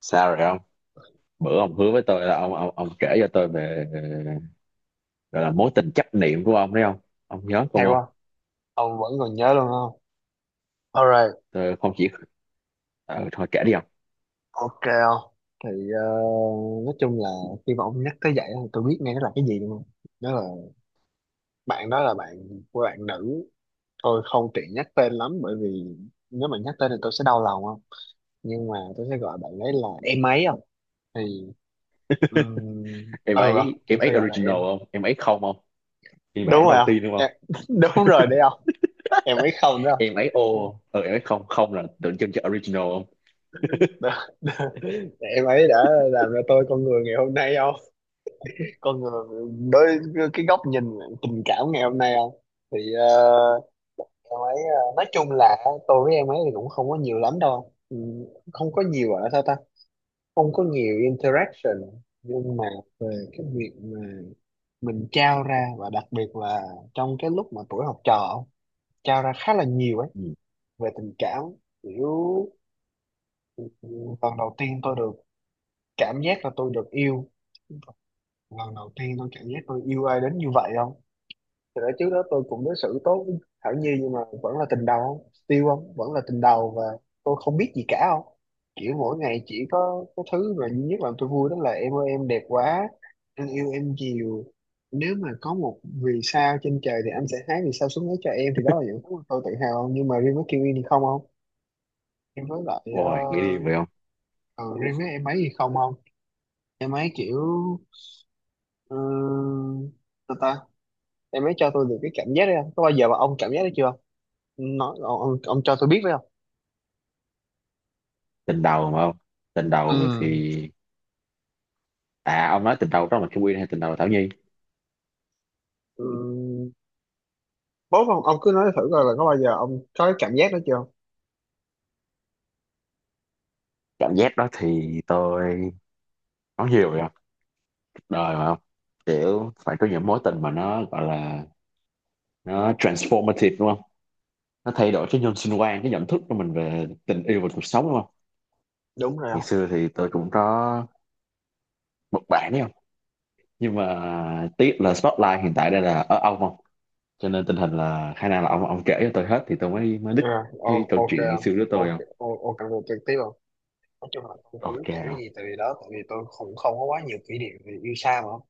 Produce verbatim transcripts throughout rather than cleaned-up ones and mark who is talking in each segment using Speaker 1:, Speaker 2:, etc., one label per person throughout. Speaker 1: Sao rồi không? Bữa ông hứa với tôi là ông ông ông kể cho tôi về ờ, gọi là mối tình chấp niệm của ông đấy không? Ông nhớ
Speaker 2: Hay
Speaker 1: không ông?
Speaker 2: quá. Ông vẫn còn nhớ luôn không? Alright.
Speaker 1: Tôi không chỉ ờ, thôi kể đi không.
Speaker 2: Ok không. Thì ờ, nói chung là khi mà ông nhắc tới vậy thì tôi biết ngay nó là cái gì luôn. Đó là bạn, đó là bạn của bạn nữ. Tôi không tiện nhắc tên lắm bởi vì nếu mà nhắc tên thì tôi sẽ đau lòng không. Nhưng mà tôi sẽ gọi bạn ấy là em ấy không. Thì um,
Speaker 1: em
Speaker 2: ừ không?
Speaker 1: ấy
Speaker 2: Tôi
Speaker 1: em ấy
Speaker 2: sẽ gọi là
Speaker 1: original
Speaker 2: em.
Speaker 1: không? Em ấy không không, phiên
Speaker 2: Đúng
Speaker 1: bản đầu
Speaker 2: rồi không
Speaker 1: tiên đúng không?
Speaker 2: em, đúng rồi đấy không. Em ấy không đó
Speaker 1: Em ấy ô
Speaker 2: không?
Speaker 1: không? Ừ, em ấy không không là tượng trưng cho original không.
Speaker 2: Đó- Đó. Em ấy đã làm ra tôi con người ngày hôm nay không? Con người đối, cái góc nhìn tình cảm ngày hôm nay không. Thì ờ, em ấy ờ, nói chung là tôi với em ấy thì cũng không có nhiều lắm đâu, ừ, không có nhiều ở sao ta, không có nhiều interaction. Nhưng mà về cái việc mà mình trao ra, và đặc biệt là trong cái lúc mà tuổi học trò trao ra khá là nhiều ấy,
Speaker 1: Ừ.
Speaker 2: về tình cảm kiểu ừ, lần đầu tiên tôi được cảm giác là tôi được yêu, lần đầu tiên tôi cảm giác tôi yêu ai đến như vậy không. Thì đó trước đó tôi cũng đối xử tốt với Thảo Nhi, nhưng mà vẫn là tình đầu không? Still không? Vẫn là tình đầu, và tôi không biết gì cả không? Kiểu mỗi ngày chỉ có cái thứ mà duy nhất làm tôi vui đó là em ơi em đẹp quá, anh yêu em nhiều. Nếu mà có một vì sao trên trời thì anh sẽ hái vì sao xuống lấy cho em, thì đó là những thứ mà tôi tự hào không. Nhưng mà riêng với Kiwi thì không không. Riêng với lại ờ,
Speaker 1: Ôi nghĩ đi vậy không.
Speaker 2: ờ, riêng với em ấy thì không không. Em ấy kiểu uh, ta ta em ấy cho tôi được cái cảm giác đấy không? Có bao giờ mà ông cảm giác đấy chưa, nói ông, ông, ông cho tôi biết phải không.
Speaker 1: Tình đầu mà không, tình đầu
Speaker 2: Ừ.
Speaker 1: thì à, ông nói tình đầu đó là Kim Quyên hay tình đầu là Thảo Nhi?
Speaker 2: Ừ, bố ông, ông cứ nói thử coi là có bao giờ ông có cái cảm giác đó chưa.
Speaker 1: Cảm giác đó thì tôi nói nhiều rồi không. Cuộc đời mà không, kiểu phải có những mối tình mà nó gọi là nó transformative đúng không, nó thay đổi cái nhân sinh quan, cái nhận thức của mình về tình yêu và cuộc sống đúng không.
Speaker 2: Đúng rồi
Speaker 1: Ngày
Speaker 2: không.
Speaker 1: xưa thì tôi cũng có một bạn đấy không, nhưng mà tiếc là Spotlight hiện tại đây là ở ông không, cho nên tình hình là khả năng là ông ông kể cho tôi hết thì tôi mới mới đích
Speaker 2: À,
Speaker 1: cái
Speaker 2: o-
Speaker 1: câu
Speaker 2: ok
Speaker 1: chuyện ngày
Speaker 2: không?
Speaker 1: xưa của tôi
Speaker 2: Ok.
Speaker 1: không.
Speaker 2: O- ok được trực tiếp không. Nói chung là không, không biết
Speaker 1: Ok
Speaker 2: kể cái
Speaker 1: không.
Speaker 2: gì tại vì đó, tại vì tôi cũng không có quá nhiều kỷ niệm về yêu xa mà không.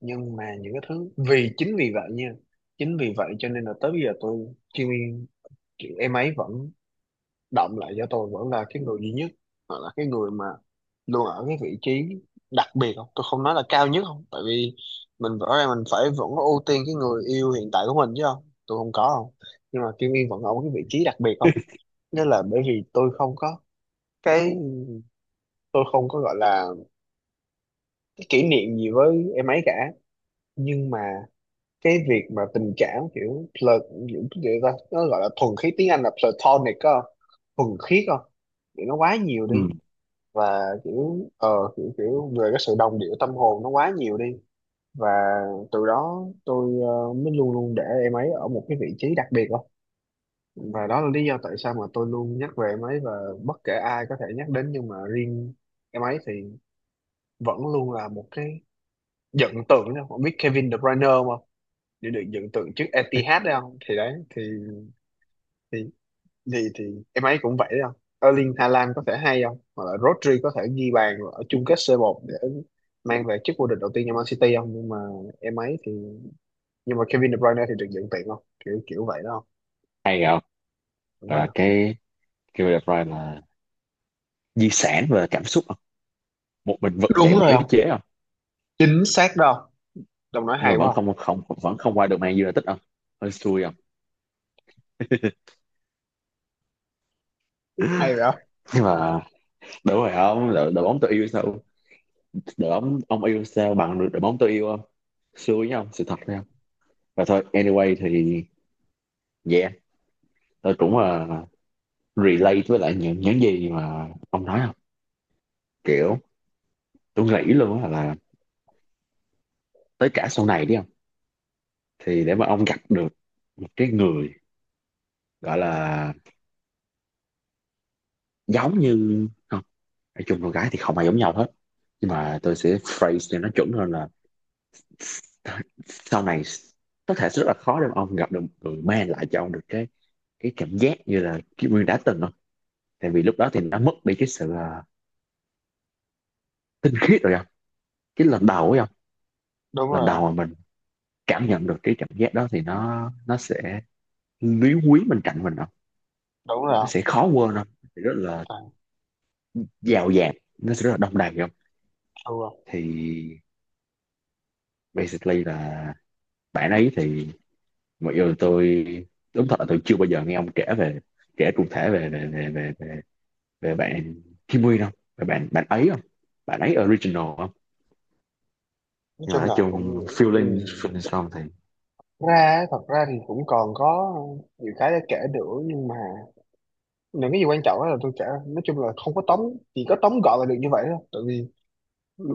Speaker 2: Nhưng mà những cái thứ, vì chính vì vậy nha, chính vì vậy cho nên là tới bây giờ tôi chuyên, em ấy vẫn động lại cho tôi, vẫn là cái người duy nhất hoặc là cái người mà luôn ở cái vị trí đặc biệt không. Tôi không nói là cao nhất không tại vì mình rõ ràng mình phải vẫn ưu tiên cái người yêu hiện tại của mình chứ không, tôi không có không. Nhưng mà Kim Yên vẫn ở cái vị trí đặc biệt không. Nghĩa là bởi vì tôi không có cái, tôi không có gọi là cái kỷ niệm gì với em ấy cả. Nhưng mà cái việc mà tình cảm kiểu plat, kiểu cái gì ta, nó gọi là thuần khiết, tiếng Anh là platonic á, thuần khiết không, thì nó quá nhiều
Speaker 1: Ừ.
Speaker 2: đi. Và kiểu ờ kiểu kiểu về cái sự đồng điệu tâm hồn nó quá nhiều đi. Và từ đó tôi ờ, mới luôn luôn để em ấy ở một cái vị trí đặc biệt đó. Và đó là lý do tại sao mà tôi luôn nhắc về em ấy. Và bất kể ai có thể nhắc đến nhưng mà riêng em ấy thì vẫn luôn là một cái dựng tượng đó, không biết Kevin De Bruyne không, để được dựng tượng trước Etihad đấy không, thì đấy thì thì gì thì em ấy cũng vậy đó. Erling Haaland có thể hay không, hoặc là Rodri có thể ghi bàn ở chung kết C một để mang về chức vô địch đầu tiên cho Man City không, nhưng mà em ấy thì, nhưng mà Kevin De Bruyne thì được nhận tiền không, kiểu kiểu vậy đó
Speaker 1: Hay không.
Speaker 2: không. Đúng
Speaker 1: Gọi
Speaker 2: rồi
Speaker 1: là
Speaker 2: không?
Speaker 1: cái kêu đẹp Pride là di sản về cảm xúc không, một mình vực dậy
Speaker 2: Đúng
Speaker 1: một
Speaker 2: rồi
Speaker 1: đế
Speaker 2: không,
Speaker 1: chế không.
Speaker 2: chính xác đó không, đồng nói
Speaker 1: Nhưng mà
Speaker 2: hay
Speaker 1: vẫn
Speaker 2: quá không.
Speaker 1: không không, vẫn không qua được Man United không. Hơi xui không.
Speaker 2: Hay rồi không.
Speaker 1: Nhưng mà đúng rồi không, đội, đội bóng tôi yêu sao, đội bóng ông yêu sao bằng đội đội bóng tôi yêu không. Xui với ông sự thật đấy không. Và thôi anyway thì yeah, tôi cũng uh, relate với lại những những gì mà ông nói không. Kiểu tôi nghĩ luôn á là tới cả sau này đi không, thì để mà ông gặp được một cái người gọi là giống như không, nói chung con gái thì không ai giống nhau hết, nhưng mà tôi sẽ phrase cho nó chuẩn hơn là sau này có thể rất là khó để mà ông gặp được một người mang lại cho ông được cái cái cảm giác như là Kim Nguyên đã từng không. Tại vì lúc đó thì nó mất đi cái sự ờ, tinh khiết rồi không, cái lần đầu ấy không.
Speaker 2: Đúng
Speaker 1: Lần
Speaker 2: rồi không.
Speaker 1: đầu mà mình cảm nhận được cái cảm giác đó thì nó nó sẽ lý quý bên cạnh mình không.
Speaker 2: Đúng rồi
Speaker 1: Nó
Speaker 2: không,
Speaker 1: sẽ khó quên không. Nó sẽ rất là
Speaker 2: toàn
Speaker 1: giàu dạt, nó sẽ rất là đông đầy không.
Speaker 2: true không.
Speaker 1: Thì basically là bạn ấy thì mọi người tôi đúng thật là tôi chưa bao giờ nghe ông kể về, kể cụ thể về về về về về, về bạn Kim Nguyên không, về bạn bạn ấy không, bạn ấy original không.
Speaker 2: Nói
Speaker 1: Nhưng mà
Speaker 2: chung
Speaker 1: nói
Speaker 2: là
Speaker 1: chung
Speaker 2: cũng ừ.
Speaker 1: feeling feeling xong thì
Speaker 2: Ra, thật ra thì cũng còn có nhiều cái để kể nữa, nhưng mà những cái gì quan trọng á là tôi chả, nói chung là không có tóm, chỉ có tóm gọn là được như vậy thôi. Tại vì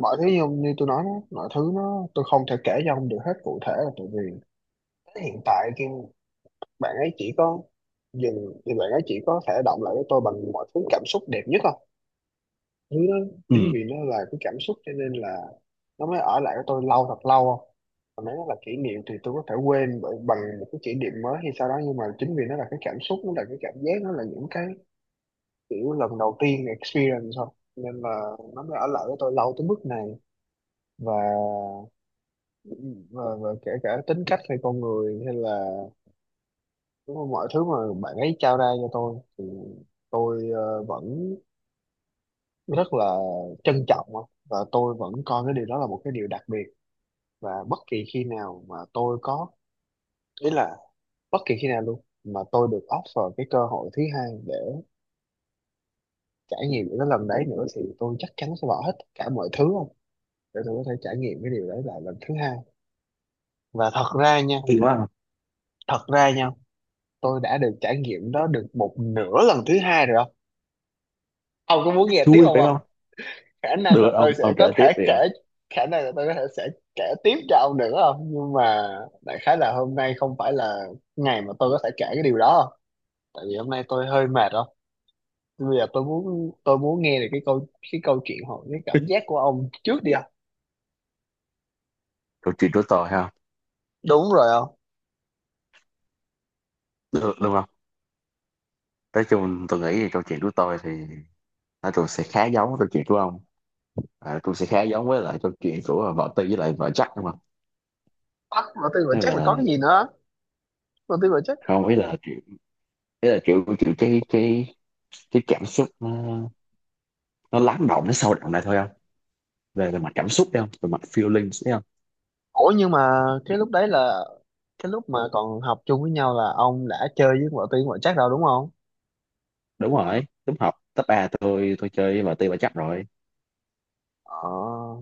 Speaker 2: mọi thứ như, như tôi nói đó, mọi thứ nó, tôi không thể kể cho ông được hết cụ thể là tại vì tới hiện tại khi bạn ấy chỉ có dừng, thì bạn ấy chỉ có thể động lại với tôi bằng mọi thứ cảm xúc đẹp nhất không, thứ đó.
Speaker 1: ừ.
Speaker 2: Chính vì nó là cái cảm xúc cho nên là nó mới ở lại với tôi lâu thật lâu không. Còn nếu nó là kỷ niệm thì tôi có thể quên bởi- bằng một cái kỷ niệm mới hay sau đó. Nhưng mà chính vì nó là cái cảm xúc, nó là cái cảm giác, nó là những cái kiểu lần đầu tiên experience thôi, nên là nó mới ở lại với tôi lâu tới mức này. và và, và kể cả tính cách hay con người hay là, đúng không, mọi thứ mà bạn ấy trao ra cho tôi thì tôi ờ, vẫn rất là trân trọng á. Và tôi vẫn coi cái điều đó là một cái điều đặc biệt. Và bất kỳ khi nào mà tôi có, ý là bất kỳ khi nào luôn mà tôi được offer cái cơ hội thứ hai để trải nghiệm những cái lần đấy nữa, thì tôi chắc chắn sẽ bỏ hết tất cả mọi thứ để tôi có thể trải nghiệm cái điều đấy lại lần thứ hai. Và thật ra nha,
Speaker 1: Hay quá không.
Speaker 2: thật ra nha, tôi đã được trải nghiệm đó được một nửa lần thứ hai rồi không. Ông có muốn nghe tiếp
Speaker 1: Vui
Speaker 2: không
Speaker 1: phải
Speaker 2: không?
Speaker 1: không?
Speaker 2: Khả năng
Speaker 1: Được,
Speaker 2: là
Speaker 1: ông
Speaker 2: tôi sẽ
Speaker 1: ông kể
Speaker 2: có
Speaker 1: tiếp
Speaker 2: thể
Speaker 1: đi không.
Speaker 2: kể, khả năng là tôi có thể sẽ kể tiếp cho ông nữa không. Nhưng mà đại khái là hôm nay không phải là ngày mà tôi có thể kể cái điều đó không. Tại vì hôm nay tôi hơi mệt rồi. Bây giờ tôi muốn, tôi muốn nghe được cái câu, cái câu chuyện hoặc cái cảm giác của ông trước đi không.
Speaker 1: Câu chuyện của tôi ha?
Speaker 2: Đúng rồi không.
Speaker 1: Được đúng không. Nói chung tôi nghĩ thì câu chuyện của tôi thì nói chung sẽ khá giống với câu chuyện của ông, à, cũng sẽ khá giống với lại câu chuyện của vợ Tư với lại vợ Jack đúng không.
Speaker 2: Bắt mà tôi mà
Speaker 1: Nó
Speaker 2: chắc
Speaker 1: gọi
Speaker 2: là
Speaker 1: là
Speaker 2: có cái gì nữa, mà tôi mà chắc.
Speaker 1: không, ý là kiểu, ý là kiểu kiểu cái cái cái cảm xúc nó nó lắng động nó sâu đậm lại thôi không. Về về mặt cảm xúc đấy không, về mặt feelings đấy không.
Speaker 2: Ủa nhưng mà cái lúc đấy là cái lúc mà còn học chung với nhau là ông đã chơi với vợ Tiên vợ Trác rồi đúng không?
Speaker 1: Đúng rồi, đúng, học cấp ba tôi tôi chơi với vợ Tư vợ Jack rồi.
Speaker 2: Ờ,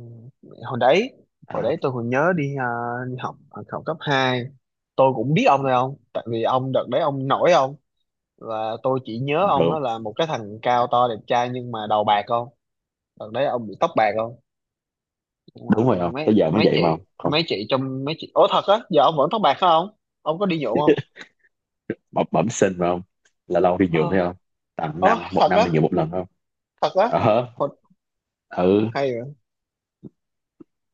Speaker 2: hồi đấy, hồi
Speaker 1: À,
Speaker 2: đấy tôi còn nhớ đi, à, đi học, học cấp hai tôi cũng biết ông rồi không? Tại vì ông đợt đấy ông nổi không? Và tôi chỉ nhớ
Speaker 1: bình
Speaker 2: ông
Speaker 1: thường.
Speaker 2: đó là một cái thằng cao to đẹp trai nhưng mà đầu bạc không? Đợt đấy ông bị tóc bạc không? Nhưng mà
Speaker 1: Đúng rồi không, tới
Speaker 2: mấy
Speaker 1: giờ mới
Speaker 2: mấy
Speaker 1: vậy
Speaker 2: chị
Speaker 1: mà không không.
Speaker 2: mấy chị trong mấy chị. Ủa thật á, giờ ông vẫn tóc bạc phải không? Ông có đi nhuộm không?
Speaker 1: Bẩm, bẩm sinh mà không, là lâu đi nhuộm
Speaker 2: Ờ,
Speaker 1: thấy không, tầm
Speaker 2: ờ
Speaker 1: năm một
Speaker 2: thật
Speaker 1: năm
Speaker 2: á,
Speaker 1: đi nhuộm một lần không.
Speaker 2: thật á.
Speaker 1: Ờ.
Speaker 2: Ủa,
Speaker 1: Ừ.
Speaker 2: hay.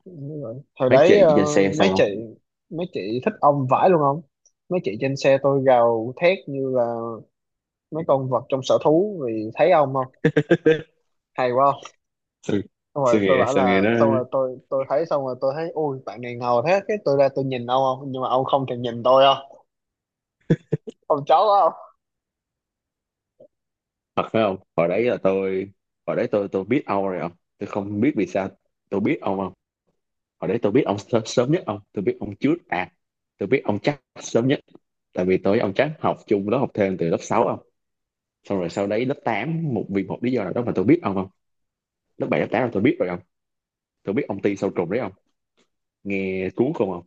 Speaker 2: Đúng rồi. Thời
Speaker 1: Mấy
Speaker 2: đấy
Speaker 1: chị
Speaker 2: ờ,
Speaker 1: trên xe
Speaker 2: mấy
Speaker 1: sao không.
Speaker 2: chị, mấy chị thích ông vãi luôn không? Mấy chị trên xe tôi gào thét như là mấy con vật trong sở thú vì thấy ông không? Hay quá không?
Speaker 1: Sao,
Speaker 2: Xong rồi
Speaker 1: sao
Speaker 2: tôi
Speaker 1: nghe,
Speaker 2: bảo
Speaker 1: sao
Speaker 2: là
Speaker 1: nghe nó
Speaker 2: xong rồi tôi, tôi thấy xong rồi tôi thấy ui bạn này ngầu thế, cái tôi ra tôi nhìn ông không, nhưng mà ông không thèm nhìn tôi không? Ông chó quá không?
Speaker 1: thật phải không. Hồi đấy là tôi, hồi đấy tôi tôi biết ông rồi không. Tôi không biết vì sao tôi biết ông không. Hồi đấy tôi biết ông sớm, sớm nhất, ông tôi biết ông trước à, tôi biết ông chắc sớm nhất. Tại vì tôi với ông chắc học chung lớp học thêm từ lớp sáu không? Xong rồi sau đấy lớp tám, một vì một lý do nào đó mà tôi biết ông không. Lớp bảy lớp tám là tôi biết rồi không. Tôi biết ông ti sâu trùng đấy không. Nghe cuốn không không.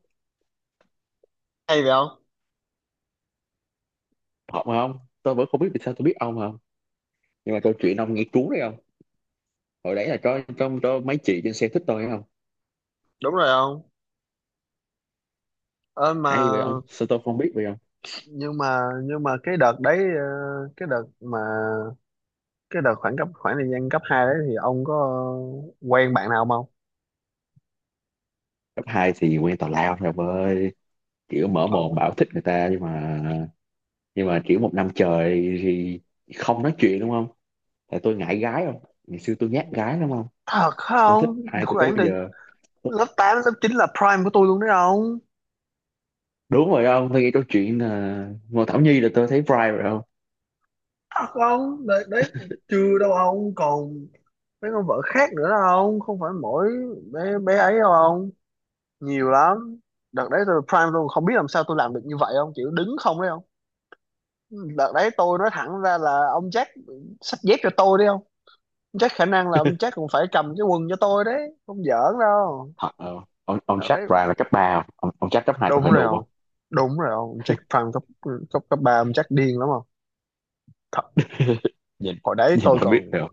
Speaker 2: Hay vậy không?
Speaker 1: Hợp không, tôi vẫn không biết vì sao tôi biết ông không. Nhưng mà câu chuyện ông nghe cuốn đấy không. Hồi đấy là có trong có mấy chị trên xe thích tôi thấy không.
Speaker 2: Đúng rồi không? Ơ mà,
Speaker 1: Hay vậy ông, sao tôi không biết vậy không.
Speaker 2: nhưng mà nhưng mà cái đợt đấy ờ, cái đợt mà, cái đợt khoảng cấp, khoảng thời gian cấp hai đấy thì ông có quen bạn nào không?
Speaker 1: Cấp hai thì quen tào lao rồi ông ơi, kiểu mở mồm bảo thích người ta nhưng mà, nhưng mà kiểu một năm trời thì không nói chuyện đúng không. Tại tôi ngại gái không, ngày xưa tôi
Speaker 2: Ờ,
Speaker 1: nhát gái đúng không.
Speaker 2: thật
Speaker 1: Tôi thích
Speaker 2: không.
Speaker 1: ai từ đó
Speaker 2: Khoảng thì
Speaker 1: bây giờ.
Speaker 2: lớp tám lớp chín là prime của tôi luôn đấy ông.
Speaker 1: Đúng rồi ông, tôi nghe câu chuyện là Ngô Thảo Nhi là tôi thấy pride rồi không.
Speaker 2: Thật không đấy, đấy chưa đâu ông, còn mấy con vợ khác nữa đâu ông, không phải mỗi bé, bé ấy đâu ông, nhiều lắm. Đợt đấy tôi prime luôn không biết làm sao tôi làm được như vậy ông, kiểu đứng không đấy ông. Đợt đấy tôi nói thẳng ra là ông Jack xách dép cho tôi đi không. Ông Jack khả năng là ông Jack cũng phải cầm cái quần cho tôi đấy, không giỡn đâu.
Speaker 1: Thật ờ, ông ông
Speaker 2: Đợt
Speaker 1: chắc
Speaker 2: đấy
Speaker 1: pride là cấp ba không ông, ông chắc cấp hai tôi
Speaker 2: đúng
Speaker 1: phải
Speaker 2: rồi
Speaker 1: đùn không.
Speaker 2: không, đúng rồi không, ông Jack prime cấp, cấp cấp ba ông Jack điên lắm không.
Speaker 1: Nhìn,
Speaker 2: Hồi đấy
Speaker 1: nhìn
Speaker 2: tôi
Speaker 1: là biết
Speaker 2: còn,
Speaker 1: rồi.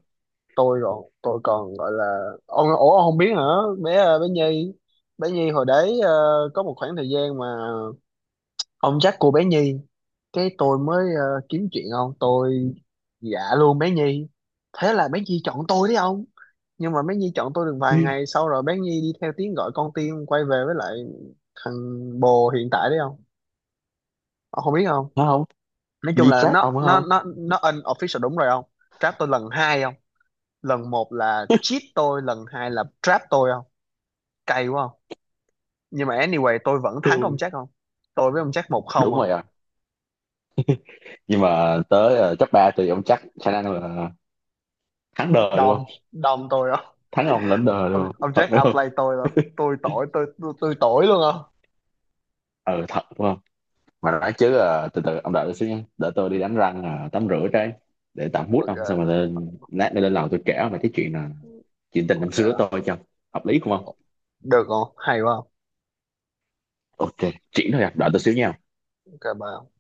Speaker 2: tôi còn tôi còn gọi là ông, ủa ông không biết hả? Bé ờ, bé Nhi, bé Nhi hồi đấy ờ, có một khoảng thời gian mà ông dắt cô bé Nhi, cái tôi mới ờ, kiếm chuyện ông, tôi dạ luôn bé Nhi, thế là bé Nhi chọn tôi đấy ông. Nhưng mà bé Nhi chọn tôi được vài ngày sau rồi bé Nhi đi theo tiếng gọi con tim quay về với lại thằng bồ hiện tại đấy không, ông không biết không.
Speaker 1: Nó không,
Speaker 2: Nói chung
Speaker 1: di
Speaker 2: là
Speaker 1: trác
Speaker 2: nó
Speaker 1: ông phải
Speaker 2: nó
Speaker 1: không.
Speaker 2: nó nó unofficial, đúng rồi không. Trap tôi lần hai không, lần một là cheat tôi, lần hai là trap tôi không, cay quá không. Nhưng mà anyway tôi vẫn thắng ông
Speaker 1: Tôi
Speaker 2: Jack không, tôi với ông Jack một không
Speaker 1: đúng
Speaker 2: không.
Speaker 1: rồi à. Nhưng mà tới ờ, top ba thì ông chắc khả năng là thắng đời luôn
Speaker 2: Đom
Speaker 1: không.
Speaker 2: Đom tôi không.
Speaker 1: Thắng ông lãnh đời
Speaker 2: Ông,
Speaker 1: luôn không
Speaker 2: ông
Speaker 1: thật
Speaker 2: Jack
Speaker 1: đúng
Speaker 2: outplay
Speaker 1: không.
Speaker 2: tôi không, tôi tội tôi, tôi, tôi tội luôn không.
Speaker 1: Ừ thật đúng không. Mà nói chứ ờ, từ từ ông đợi tôi xíu nha, để tôi đi đánh răng ờ, tắm rửa cái, để tạm mút ông xong rồi
Speaker 2: Ok.
Speaker 1: lên, lát nữa lên lầu tôi kể ông về cái chuyện là chuyện tình năm xưa của
Speaker 2: Ok
Speaker 1: tôi cho hợp lý không không.
Speaker 2: được không, hay quá không.
Speaker 1: Ok chuyện thôi à, đợi tôi xíu nha.
Speaker 2: Ok bye.